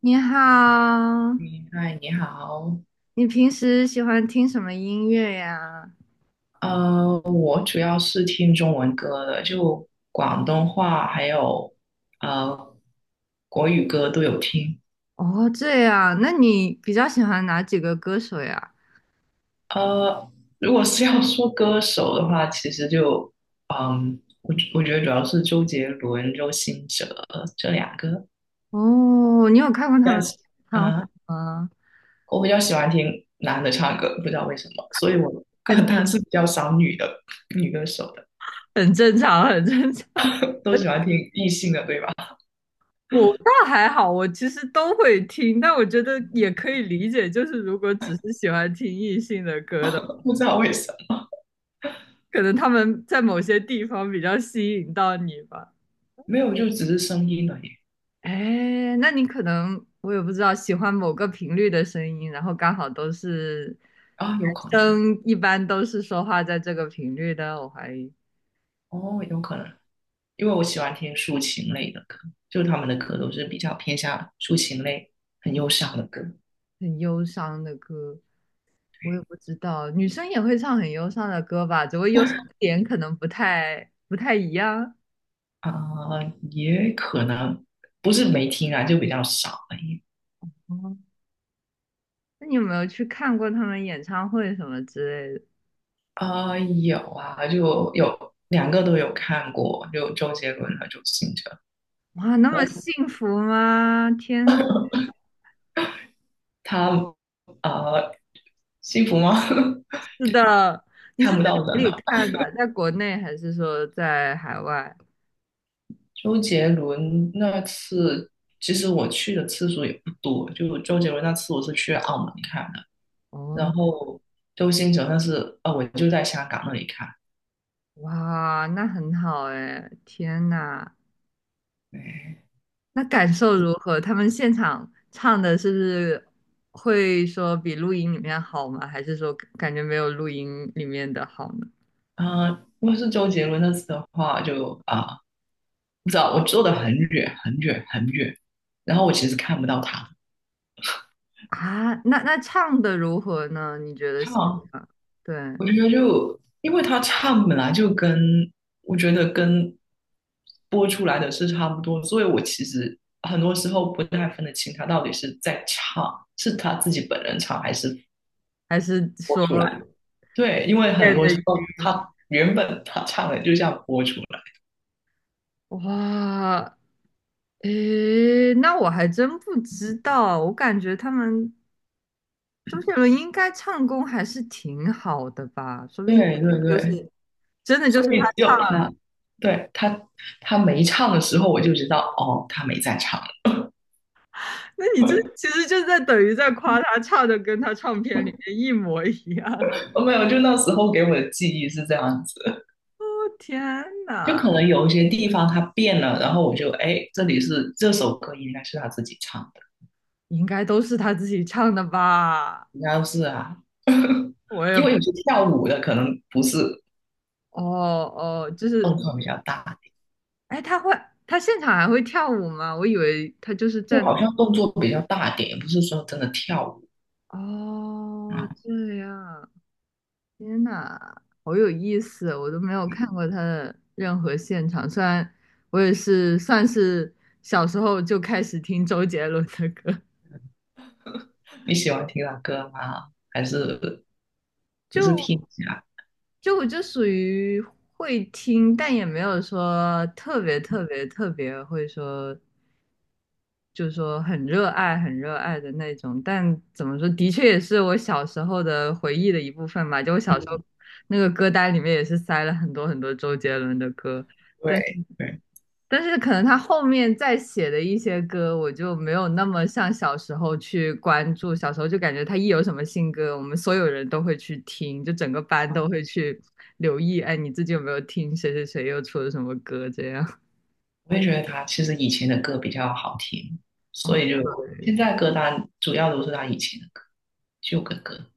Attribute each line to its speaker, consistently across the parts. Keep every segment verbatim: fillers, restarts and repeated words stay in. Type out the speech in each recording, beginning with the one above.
Speaker 1: 你好，
Speaker 2: 你嗨，你好。
Speaker 1: 你平时喜欢听什么音乐呀？
Speaker 2: 呃，我主要是听中文歌的，就广东话还有呃国语歌都有听。
Speaker 1: 哦，这样，那你比较喜欢哪几个歌手呀？
Speaker 2: 呃，如果是要说歌手的话，其实就嗯，我我觉得主要是周杰伦、周兴哲这两个。
Speaker 1: 哦，你有看过他们
Speaker 2: 但
Speaker 1: 的
Speaker 2: 是
Speaker 1: 演唱会
Speaker 2: 啊，
Speaker 1: 吗？
Speaker 2: 我比较喜欢听男的唱歌，不知道为什么，所以我歌
Speaker 1: 很
Speaker 2: 单是比较少女的女歌手的，
Speaker 1: 很正常，很正常。
Speaker 2: 都喜欢听异性的，对吧？
Speaker 1: 我 倒还好，我其实都会听，但我觉得也可以理解，就是如果只是喜欢听异性的歌的，
Speaker 2: 不知道为什么。
Speaker 1: 可能他们在某些地方比较吸引到你吧。
Speaker 2: 没有，就只是声音而已。
Speaker 1: 哎，那你可能我也不知道，喜欢某个频率的声音，然后刚好都是
Speaker 2: 啊，有可
Speaker 1: 男
Speaker 2: 能。
Speaker 1: 生，一般都是说话在这个频率的，我怀疑
Speaker 2: 哦，有可能，因为我喜欢听抒情类的歌，就他们的歌都是比较偏向抒情类、很忧伤的歌。
Speaker 1: 很忧伤的歌，我也
Speaker 2: 对
Speaker 1: 不知道，女生也会唱很忧伤的歌吧，只不过忧伤点可能不太不太一样。
Speaker 2: 啊，呃也可能不是没听啊，就比较少而已。
Speaker 1: 哦，那你有没有去看过他们演唱会什么之类的？
Speaker 2: 啊，呃有啊，就有两个都有看过，就周杰伦和周兴哲。
Speaker 1: 哇，那
Speaker 2: 然
Speaker 1: 么
Speaker 2: 后
Speaker 1: 幸福吗？天呐，
Speaker 2: 他。呃，啊幸福吗？
Speaker 1: 是的，你
Speaker 2: 看
Speaker 1: 是在
Speaker 2: 不到
Speaker 1: 哪
Speaker 2: 人
Speaker 1: 里
Speaker 2: 了。
Speaker 1: 看的？在国内还是说在海外？
Speaker 2: 周杰伦那次，其实我去的次数也不多，就周杰伦那次我是去澳门看的，
Speaker 1: 哦，
Speaker 2: 然后周星哲那次，啊，我就在香港那里看。
Speaker 1: 哇，那很好哎，天呐，
Speaker 2: 对。
Speaker 1: 那感受如何？他们现场唱的是不是会说比录音里面好吗？还是说感觉没有录音里面的好呢？
Speaker 2: 啊、如果是周杰伦那次的话，就啊、不知道我坐的很远很远很远，然后我其实看不到他。
Speaker 1: 啊，那那唱的如何呢？你觉得
Speaker 2: 他
Speaker 1: 现
Speaker 2: 好像。
Speaker 1: 场，对，
Speaker 2: 我觉得就因为他唱本来就跟我觉得跟播出来的是差不多，所以我其实很多时候不太分得清他到底是在唱，是他自己本人唱还是
Speaker 1: 还是
Speaker 2: 播
Speaker 1: 说
Speaker 2: 出来。对，因为很
Speaker 1: 练
Speaker 2: 多
Speaker 1: 的
Speaker 2: 时候
Speaker 1: 鱼
Speaker 2: 他原本他唱的就像播出来。
Speaker 1: 哇，诶，那我还真不知道，我感觉他们周杰伦应该唱功还是挺好的吧，说不定
Speaker 2: 对对
Speaker 1: 就
Speaker 2: 对，
Speaker 1: 是。真的就
Speaker 2: 所
Speaker 1: 是
Speaker 2: 以
Speaker 1: 他
Speaker 2: 只有
Speaker 1: 唱
Speaker 2: 他，对，他他没唱的时候，我就知道哦，他没在唱。
Speaker 1: 那你这其实就在等于在夸他唱的跟他唱片里面一模一样。
Speaker 2: 哦，没有，就那时候给我的记忆是这样子。
Speaker 1: 哦天
Speaker 2: 就
Speaker 1: 哪，
Speaker 2: 可能有一些地方他变了，然后我就哎，这里是这首歌应该是他自己唱的，
Speaker 1: 应该都是他自己唱的吧？
Speaker 2: 应该是啊，
Speaker 1: 我也
Speaker 2: 因为
Speaker 1: 不
Speaker 2: 有些跳舞的可能不是
Speaker 1: 哦哦，就是，
Speaker 2: 动作比较大，
Speaker 1: 哎，他会，他现场还会跳舞吗？我以为他就是
Speaker 2: 就
Speaker 1: 站，
Speaker 2: 好像动作比较大点，也不是说真的跳舞啊。
Speaker 1: 哦，
Speaker 2: 嗯
Speaker 1: 这样，天哪，好有意思哦，我都没有看过他的任何现场，虽然我也是算是小时候就开始听周杰伦的歌。
Speaker 2: 你喜欢听他歌吗？还是只是听
Speaker 1: 就
Speaker 2: 一下？
Speaker 1: 就我就属于会听，但也没有说特别特别特别会说，就是说很热爱很热爱的那种。但怎么说，的确也是我小时候的回忆的一部分吧。就我小时候
Speaker 2: 嗯，
Speaker 1: 那个歌单里面也是塞了很多很多周杰伦的歌，
Speaker 2: 对对
Speaker 1: 但是可能他后面再写的一些歌，我就没有那么像小时候去关注。小时候就感觉他一有什么新歌，我们所有人都会去听，就整个
Speaker 2: 啊，
Speaker 1: 班都
Speaker 2: 嗯
Speaker 1: 会去留意。哎，你最近有没有听谁谁谁又出了什么歌？这样。
Speaker 2: 我也觉得他其实以前的歌比较好听，
Speaker 1: 哦，
Speaker 2: 所以 就
Speaker 1: 对。
Speaker 2: 现在歌单主要都是他以前的歌，旧的歌。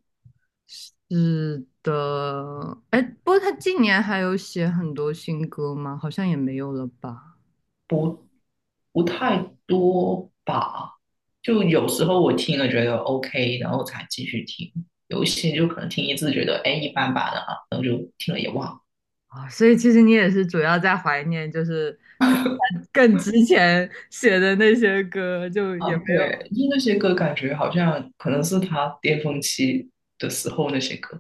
Speaker 1: 是的。哎，不过他近年还有写很多新歌吗？好像也没有了吧。
Speaker 2: 不不太多吧。就有时候我听了觉得 OK，然后才继续听；有一些就可能听一次觉得哎一般般的啊，然后就听了也忘了。
Speaker 1: 啊，所以其实你也是主要在怀念，就是更之前写的那些歌，就
Speaker 2: 啊，
Speaker 1: 也没有。
Speaker 2: 对，就那些歌感觉好像可能是他巅峰期的时候那些歌。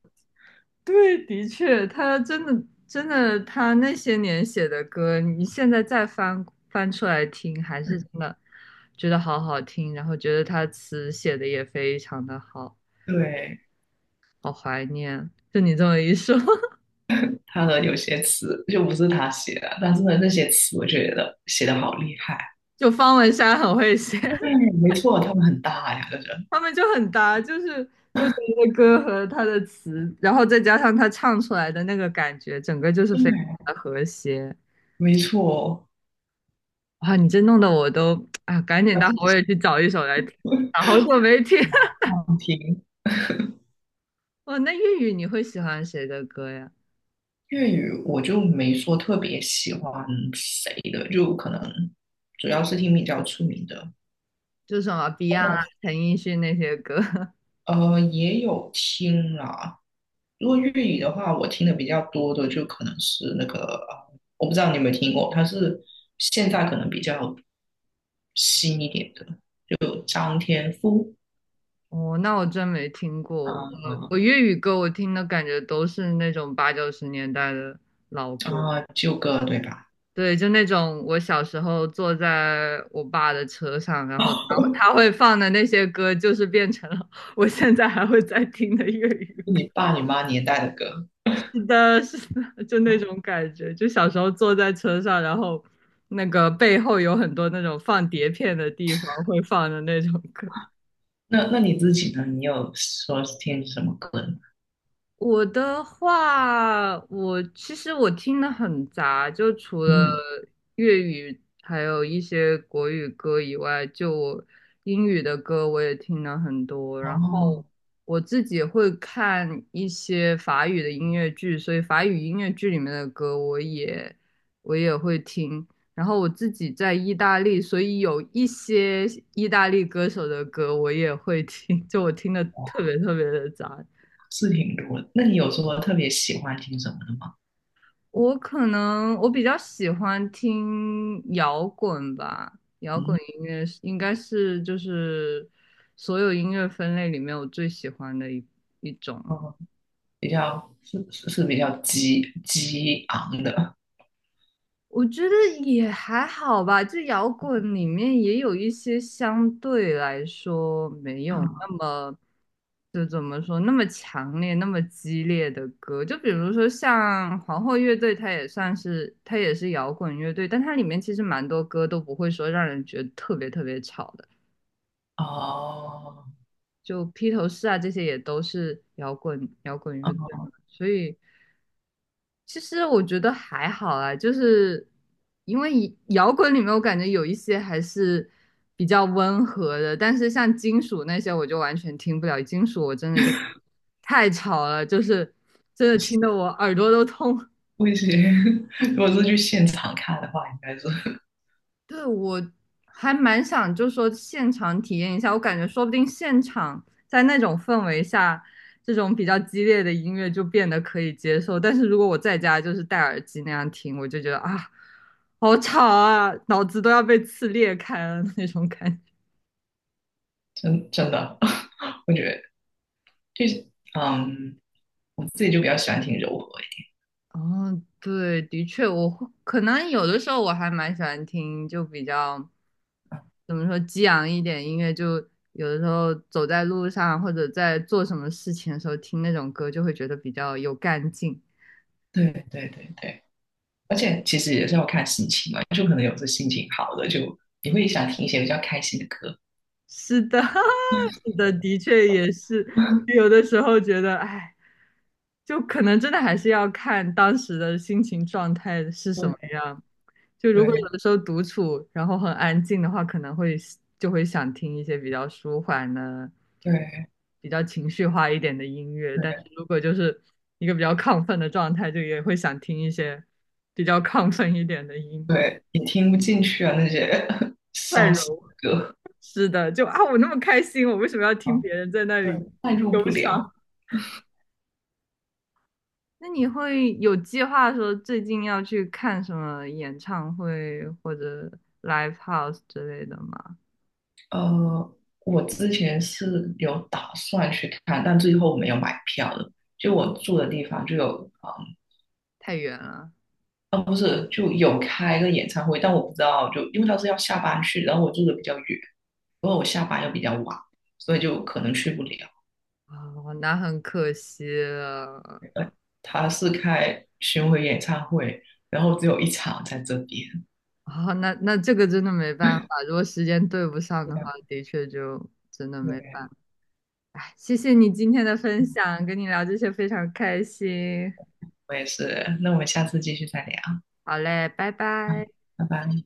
Speaker 1: 对，的确，他真的真的，他那些年写的歌，你现在再翻翻出来听，还是真的觉得好好听，然后觉得他词写的也非常的好，
Speaker 2: 对，
Speaker 1: 好怀念。就你这么一说，
Speaker 2: 他的有些词就不是他写的，但是呢，那些词我觉得写的好厉害。
Speaker 1: 就方文山很会写，
Speaker 2: 对，没错，他们很大呀，这是。
Speaker 1: 他们就很搭，就是周杰伦的歌和他的词，然后再加上他唱出来的那个感觉，整个就是非常
Speaker 2: 对，
Speaker 1: 的和谐。
Speaker 2: 没错，
Speaker 1: 哇，你这弄得我都啊，赶紧待会儿我
Speaker 2: 要
Speaker 1: 也去找一首来听，一下，好久没听。
Speaker 2: 常听。
Speaker 1: 哦，那粤语你会喜欢谁的歌呀？
Speaker 2: 粤语我就没说特别喜欢谁的，就可能主要是听比较出名的，
Speaker 1: 就什么 Beyond 啊、陈奕迅那些歌。
Speaker 2: 呃，也有听啦。如果粤语的话，我听的比较多的就可能是那个，呃我不知道你有没有听过，他是现在可能比较新一点的，有张天赋。
Speaker 1: 哦，那我真没听过。
Speaker 2: 啊
Speaker 1: 我我粤语歌我听的感觉都是那种八九十年代的老歌，
Speaker 2: 啊，旧歌对吧？
Speaker 1: 对，就那种我小时候坐在我爸的车上，然后他会他会放的那些歌，就是变成了我现在还会在听的粤语
Speaker 2: 你爸你妈年代的歌。
Speaker 1: 是的，是的，就那种感觉，就小时候坐在车上，然后那个背后有很多那种放碟片的地方会放的那种歌。
Speaker 2: 那那你自己呢？你有说听什么歌呢？
Speaker 1: 我的话，我其实我听的很杂，就除了
Speaker 2: 嗯，
Speaker 1: 粤语还有一些国语歌以外，就我英语的歌我也听了很多，然后。
Speaker 2: 哦。
Speaker 1: 我自己会看一些法语的音乐剧，所以法语音乐剧里面的歌我也我也会听。然后我自己在意大利，所以有一些意大利歌手的歌我也会听，就我听的特别特别的杂。
Speaker 2: 是挺多的。那你有说特别喜欢听什么的吗？
Speaker 1: 我可能我比较喜欢听摇滚吧，摇滚
Speaker 2: 嗯，
Speaker 1: 音乐是应该是就是所有音乐分类里面我最喜欢的一一种了。
Speaker 2: 哦，比较是是是比较激激昂的。
Speaker 1: 我觉得也还好吧，就摇滚里面也有一些相对来说没有
Speaker 2: 啊，
Speaker 1: 那么，就怎么说，那么强烈、那么激烈的歌。就比如说像皇后乐队，它也算是它也是摇滚乐队，但它里面其实蛮多歌都不会说让人觉得特别特别吵的。
Speaker 2: 哦
Speaker 1: 就披头士啊，这些也都是摇滚摇滚乐队
Speaker 2: 哦，
Speaker 1: 嘛，所以其实我觉得还好啊，就是因为以摇滚里面我感觉有一些还是比较温和的，但是像金属那些我就完全听不了，金属我真的就太吵了，就是真的
Speaker 2: 行
Speaker 1: 听得我耳朵都痛。
Speaker 2: 不行。如果是去现场看的话，应该是
Speaker 1: 对，我还蛮想，就说现场体验一下。我感觉说不定现场在那种氛围下，这种比较激烈的音乐就变得可以接受。但是如果我在家就是戴耳机那样听，我就觉得啊，好吵啊，脑子都要被刺裂开了那种感觉。
Speaker 2: 真真的，我觉得就是嗯，我自己就比较喜欢听柔和一
Speaker 1: 哦，对，的确，我会可能有的时候我还蛮喜欢听，就比较。怎么说激昂一点音乐，就有的时候走在路上或者在做什么事情的时候听那种歌，就会觉得比较有干劲。
Speaker 2: 点。对对对对，而且其实也是要看心情嘛，就可能有时心情好的就你会想听一些比较开心的歌。
Speaker 1: 是的，是的，的确也是。有的时候觉得，哎，就可能真的还是要看当时的心情状态是什么样。就如
Speaker 2: 对
Speaker 1: 果有
Speaker 2: 对
Speaker 1: 的时候独处，然后很安静的话，可能会就会想听一些比较舒缓的、
Speaker 2: 对
Speaker 1: 比较情绪化一点的音乐。但是
Speaker 2: 对，
Speaker 1: 如果就是一个比较亢奋的状态，就也会想听一些比较亢奋一点的音乐，
Speaker 2: 对，也听不进去啊，那些
Speaker 1: 快
Speaker 2: 伤心
Speaker 1: 柔。
Speaker 2: 的歌。
Speaker 1: 是的，就啊，我那么开心，我为什么要听
Speaker 2: 啊，
Speaker 1: 别人在那
Speaker 2: 对，
Speaker 1: 里
Speaker 2: 代入
Speaker 1: 忧
Speaker 2: 不
Speaker 1: 伤？
Speaker 2: 了。
Speaker 1: 那你会有计划说最近要去看什么演唱会或者 live house 之类的吗？
Speaker 2: 呃，我之前是有打算去看，但最后没有买票的。就我住的地方就有。啊
Speaker 1: 太远了。
Speaker 2: 哦，不是，就有开个演唱会，但我不知道，就因为他是要下班去，然后我住的比较远，因为我下班又比较晚，所以就可能去不了。
Speaker 1: 哦，那很可惜了。
Speaker 2: 他是开巡回演唱会，然后只有一场在这边。
Speaker 1: 哦，那那这个真的没办法，如果时间对不上
Speaker 2: 对
Speaker 1: 的话，
Speaker 2: 啊，
Speaker 1: 的确就真的没
Speaker 2: 对。
Speaker 1: 办法。哎，谢谢你今天的分享，跟你聊这些非常开心。
Speaker 2: 我也是，那我们下次继续再聊。
Speaker 1: 好嘞，拜拜。
Speaker 2: 拜拜。